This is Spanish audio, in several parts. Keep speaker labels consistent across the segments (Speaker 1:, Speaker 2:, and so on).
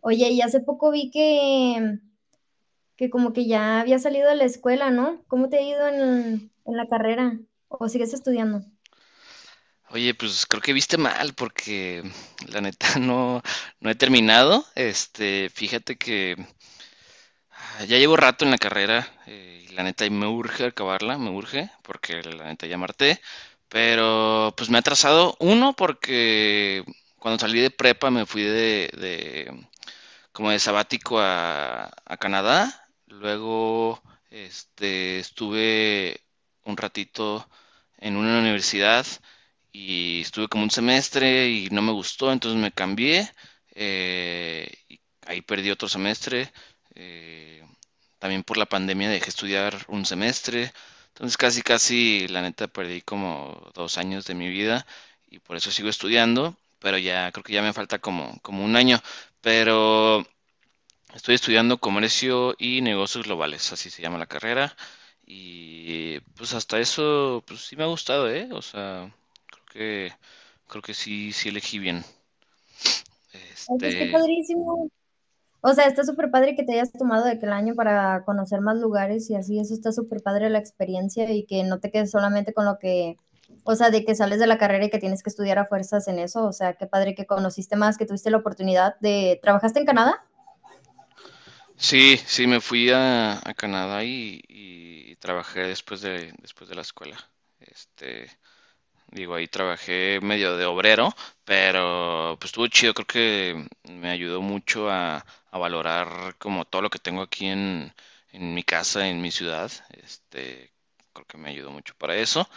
Speaker 1: Oye, y hace poco vi que como que ya había salido de la escuela, ¿no? ¿Cómo te ha ido en la carrera? ¿O sigues estudiando?
Speaker 2: Oye, pues creo que viste mal porque la neta no, no he terminado. Fíjate que ya llevo rato en la carrera y la neta y me urge acabarla, me urge porque la neta ya marté, pero pues me ha atrasado uno porque cuando salí de prepa me fui de, como de sabático a Canadá. Luego estuve un ratito en una universidad y estuve como un semestre y no me gustó, entonces me cambié. Y ahí perdí otro semestre. eh, También por la pandemia dejé estudiar un semestre. Entonces casi, casi, la neta, perdí como 2 años de mi vida y por eso sigo estudiando, pero ya creo que ya me falta como, como 1 año. Pero estoy estudiando comercio y negocios globales, así se llama la carrera. Y pues hasta eso, pues sí me ha gustado, ¿eh? O sea, creo que, creo que sí, sí elegí bien.
Speaker 1: Ay, pues qué
Speaker 2: Este,
Speaker 1: padrísimo. O sea, está súper padre que te hayas tomado de que el año para conocer más lugares y así, eso está súper padre la experiencia y que no te quedes solamente con lo que, o sea, de que sales de la carrera y que tienes que estudiar a fuerzas en eso. O sea, qué padre que conociste más, que tuviste la oportunidad de ¿trabajaste en Canadá?
Speaker 2: sí, sí, me fui a Canadá y trabajé después de la escuela. Este, Digo, ahí trabajé medio de obrero, pero pues estuvo chido, creo que me ayudó mucho a valorar como todo lo que tengo aquí en mi casa, en mi ciudad. Creo que me ayudó mucho para eso,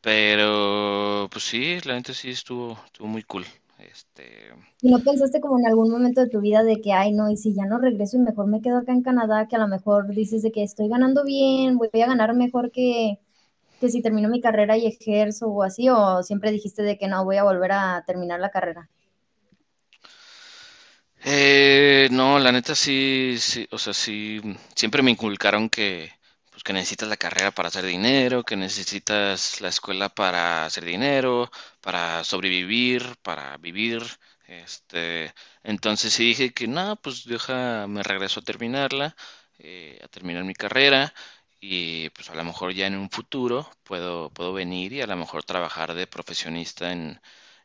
Speaker 2: pero pues sí, la gente sí estuvo muy cool. Este,
Speaker 1: ¿Y no pensaste como en algún momento de tu vida de que ay, no, y si ya no regreso y mejor me quedo acá en Canadá, que a lo mejor dices de que estoy ganando bien, voy a ganar mejor que si termino mi carrera y ejerzo o así, o siempre dijiste de que no, voy a volver a terminar la carrera?
Speaker 2: No, la neta sí, sí, o sea, sí, siempre me inculcaron que, pues, que necesitas la carrera para hacer dinero, que necesitas la escuela para hacer dinero, para sobrevivir, para vivir, este, entonces sí dije que no, pues deja, me regreso a terminarla, a terminar mi carrera y pues a lo mejor ya en un futuro puedo, puedo venir y a lo mejor trabajar de profesionista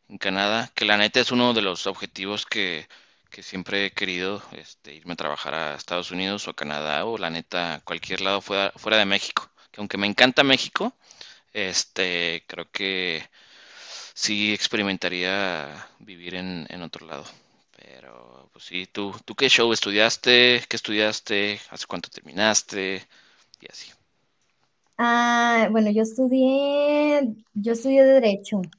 Speaker 2: en Canadá, que la neta es uno de los objetivos que siempre he querido, irme a trabajar a Estados Unidos o a Canadá o la neta cualquier lado fuera, fuera de México. Que aunque me encanta México, creo que sí experimentaría vivir en otro lado. Pero, pues sí, tú qué show estudiaste? ¿Qué estudiaste? ¿Hace cuánto terminaste? Y así.
Speaker 1: Ah, bueno, yo estudié Derecho.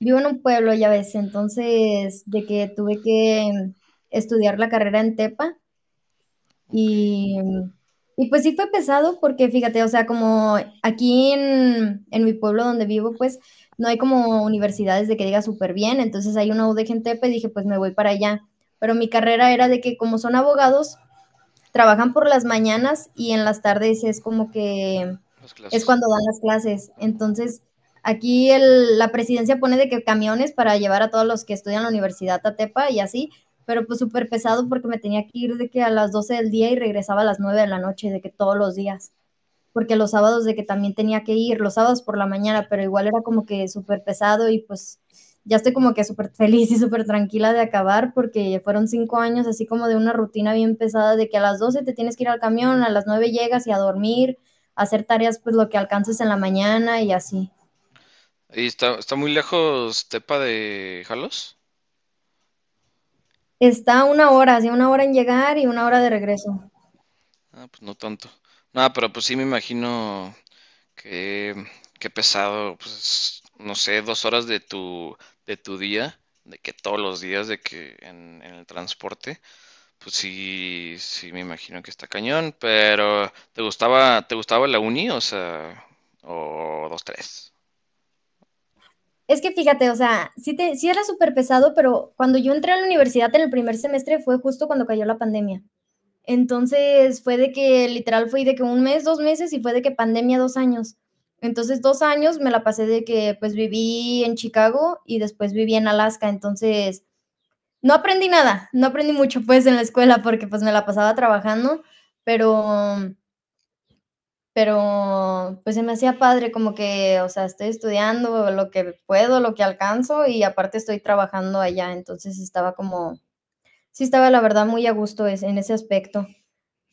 Speaker 1: Vivo en un pueblo, ya ves, entonces de que tuve que estudiar la carrera en Tepa.
Speaker 2: Ok,
Speaker 1: Y, y pues sí fue pesado porque fíjate, o sea, como aquí en mi pueblo donde vivo, pues no hay como universidades de que diga súper bien, entonces hay una UDGTP, dije, pues me voy para allá. Pero mi carrera era de que como son abogados, trabajan por las mañanas y en las tardes es como que
Speaker 2: las
Speaker 1: es
Speaker 2: clases.
Speaker 1: cuando dan las clases. Entonces, aquí el, la presidencia pone de que camiones para llevar a todos los que estudian en la universidad a Tepa y así, pero pues súper pesado porque me tenía que ir de que a las 12 del día y regresaba a las 9 de la noche, de que todos los días porque los sábados de que también tenía que ir, los sábados por la mañana, pero igual era como que súper pesado y pues ya estoy como que súper feliz y súper tranquila de acabar porque fueron 5 años así como de una rutina bien pesada de que a las 12 te tienes que ir al camión, a las 9 llegas y a dormir, a hacer tareas pues lo que alcances en la mañana y así.
Speaker 2: ¿Y está muy lejos Tepa de Jalos?
Speaker 1: Está una hora, así una hora en llegar y una hora de regreso.
Speaker 2: Ah, pues no tanto. No, pero pues sí me imagino que qué pesado, pues no sé, 2 horas de tu día, de que todos los días, de que en el transporte, pues sí, sí me imagino que está cañón. Pero te gustaba la uni, o sea, o dos tres?
Speaker 1: Es que fíjate, o sea, sí, te, sí era súper pesado, pero cuando yo entré a la universidad en el primer semestre fue justo cuando cayó la pandemia. Entonces fue de que literal fui de que un mes, 2 meses y fue de que pandemia 2 años. Entonces 2 años me la pasé de que pues viví en Chicago y después viví en Alaska. Entonces no aprendí nada, no aprendí mucho pues en la escuela porque pues me la pasaba trabajando, pero pues se me hacía padre como que, o sea, estoy estudiando lo que puedo, lo que alcanzo y aparte estoy trabajando allá, entonces estaba como, sí estaba la verdad muy a gusto en ese aspecto.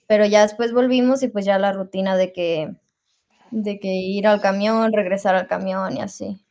Speaker 1: Pero ya después volvimos y pues ya la rutina de que ir al camión, regresar al camión y así.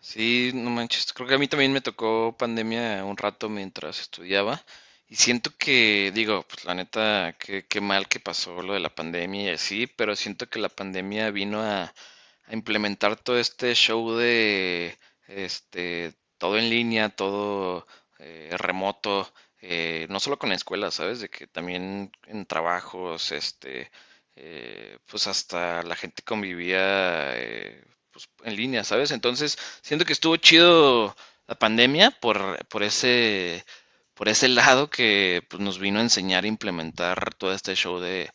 Speaker 2: Sí, no manches. Creo que a mí también me tocó pandemia un rato mientras estudiaba. Y siento que, digo, pues la neta, qué, qué mal que pasó lo de la pandemia y así, pero siento que la pandemia vino a implementar todo este show de, todo en línea, todo remoto, no solo con la escuela, ¿sabes? De que también en trabajos, pues hasta la gente convivía pues, en línea, ¿sabes? Entonces, siento que estuvo chido la pandemia por ese lado que pues, nos vino a enseñar a implementar todo este show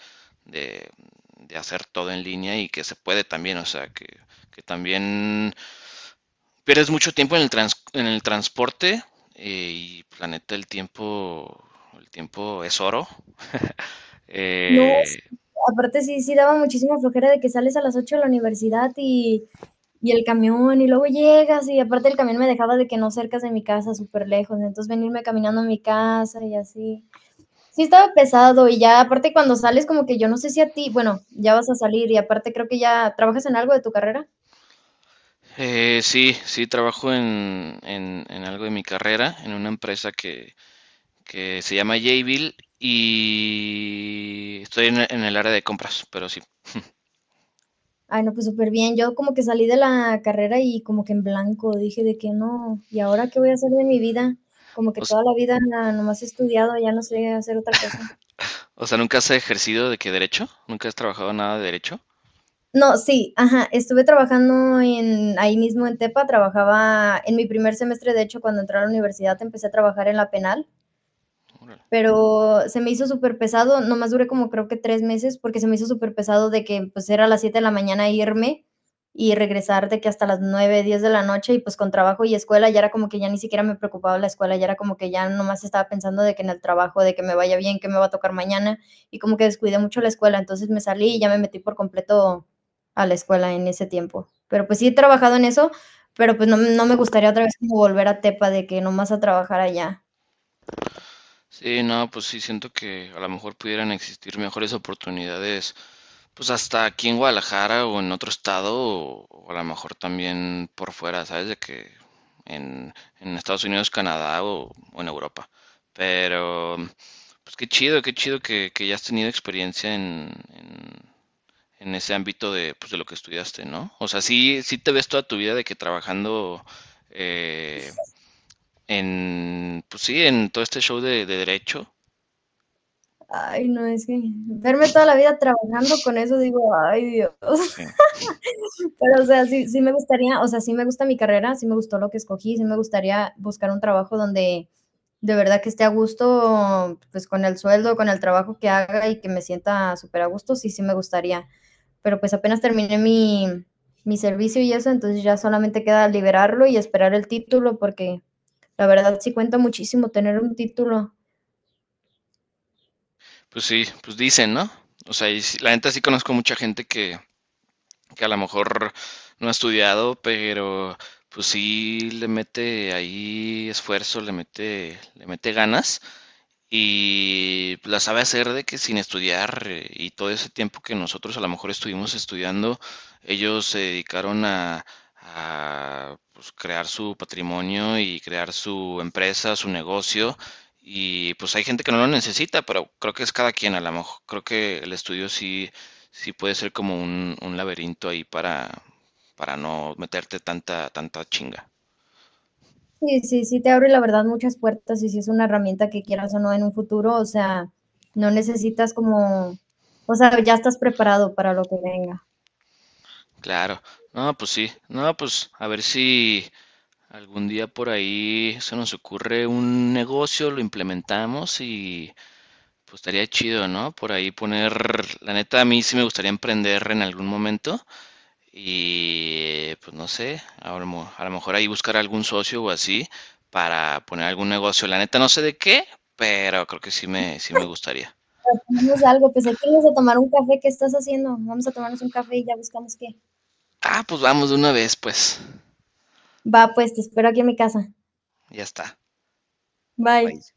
Speaker 2: de, de hacer todo en línea y que se puede también, o sea, que también pierdes mucho tiempo en el, trans- en el transporte y pues, la neta el tiempo es oro.
Speaker 1: No, sí,
Speaker 2: Eh,
Speaker 1: aparte sí, sí daba muchísima flojera de que sales a las 8 de la universidad y el camión y luego llegas y aparte el camión me dejaba de que no cercas de mi casa, súper lejos, entonces venirme caminando a mi casa y así. Sí estaba pesado y ya aparte cuando sales como que yo no sé si a ti, bueno, ya vas a salir y aparte creo que ya trabajas en algo de tu carrera.
Speaker 2: sí, sí, trabajo en algo de mi carrera, en una empresa que se llama Jayville y estoy en el área de compras, pero sí.
Speaker 1: Ay, no, pues súper bien. Yo como que salí de la carrera y como que en blanco dije de que no, ¿y ahora qué voy a hacer de mi vida? Como que
Speaker 2: O, s-
Speaker 1: toda la vida nomás he estudiado, ya no sé hacer otra cosa.
Speaker 2: o sea, ¿nunca has ejercido de qué derecho? ¿Nunca has trabajado nada de derecho?
Speaker 1: No, sí, ajá, estuve trabajando en ahí mismo en Tepa, trabajaba en mi primer semestre, de hecho, cuando entré a la universidad empecé a trabajar en la penal,
Speaker 2: Órale.
Speaker 1: pero se me hizo súper pesado, nomás duré como creo que 3 meses porque se me hizo súper pesado de que pues era a las 7 de la mañana irme y regresar de que hasta las 9 10 de la noche y pues con trabajo y escuela ya era como que ya ni siquiera me preocupaba la escuela, ya era como que ya nomás estaba pensando de que en el trabajo, de que me vaya bien, que me va a tocar mañana y como que descuidé mucho la escuela, entonces me salí y ya me metí por completo a la escuela en ese tiempo. Pero pues sí he trabajado en eso, pero pues no, no me gustaría otra vez como volver a Tepa de que nomás a trabajar allá.
Speaker 2: Sí, no, pues sí, siento que a lo mejor pudieran existir mejores oportunidades, pues hasta aquí en Guadalajara o en otro estado, o a lo mejor también por fuera, ¿sabes? De que en, en Estados Unidos, Canadá o en Europa. Pero, pues qué chido que ya has tenido experiencia en ese ámbito de, pues, de lo que estudiaste, ¿no? O sea, sí, sí te ves toda tu vida de que trabajando eh, en, pues sí, en todo este show de derecho.
Speaker 1: Ay, no, es que verme toda la vida trabajando con eso, digo: "Ay, Dios".
Speaker 2: Sí.
Speaker 1: Pero, o sea, sí sí me gustaría, o sea, sí me gusta mi carrera, sí me gustó lo que escogí, sí me gustaría buscar un trabajo donde de verdad que esté a gusto, pues, con el sueldo, con el trabajo que haga y que me sienta súper a gusto, sí, sí me gustaría. Pero, pues, apenas terminé mi servicio y eso, entonces ya solamente queda liberarlo y esperar el título, porque la verdad sí cuenta muchísimo tener un título.
Speaker 2: Pues sí, pues dicen, ¿no? O sea, y sí- la neta sí conozco mucha gente que a lo mejor no ha estudiado, pero pues sí le mete ahí esfuerzo, le mete ganas y pues, la sabe hacer de que sin estudiar y todo ese tiempo que nosotros a lo mejor estuvimos estudiando, ellos se dedicaron a, pues, crear su patrimonio y crear su empresa, su negocio. Y pues hay gente que no lo necesita, pero creo que es cada quien a lo mejor. Creo que el estudio sí, sí puede ser como un laberinto ahí para no meterte tanta, tanta chinga.
Speaker 1: Sí, sí, sí, te abre la verdad muchas puertas y si es una herramienta que quieras o no en un futuro, o sea, no necesitas como, o sea, ya estás preparado para lo que venga.
Speaker 2: Claro. No, pues sí. No, pues a ver si, algún día por ahí se nos ocurre un negocio, lo implementamos y pues estaría chido, ¿no? Por ahí poner, la neta a mí sí me gustaría emprender en algún momento y pues no sé, a lo mejor ahí buscar algún socio o así para poner algún negocio. La neta no sé de qué, pero creo que sí me gustaría.
Speaker 1: Tomamos algo, pues aquí vamos a tomar un café, ¿qué estás haciendo? Vamos a tomarnos un café y ya buscamos qué.
Speaker 2: Ah, pues vamos de una vez, pues.
Speaker 1: Va, pues te espero aquí en mi casa.
Speaker 2: Ya está.
Speaker 1: Bye.
Speaker 2: Bye.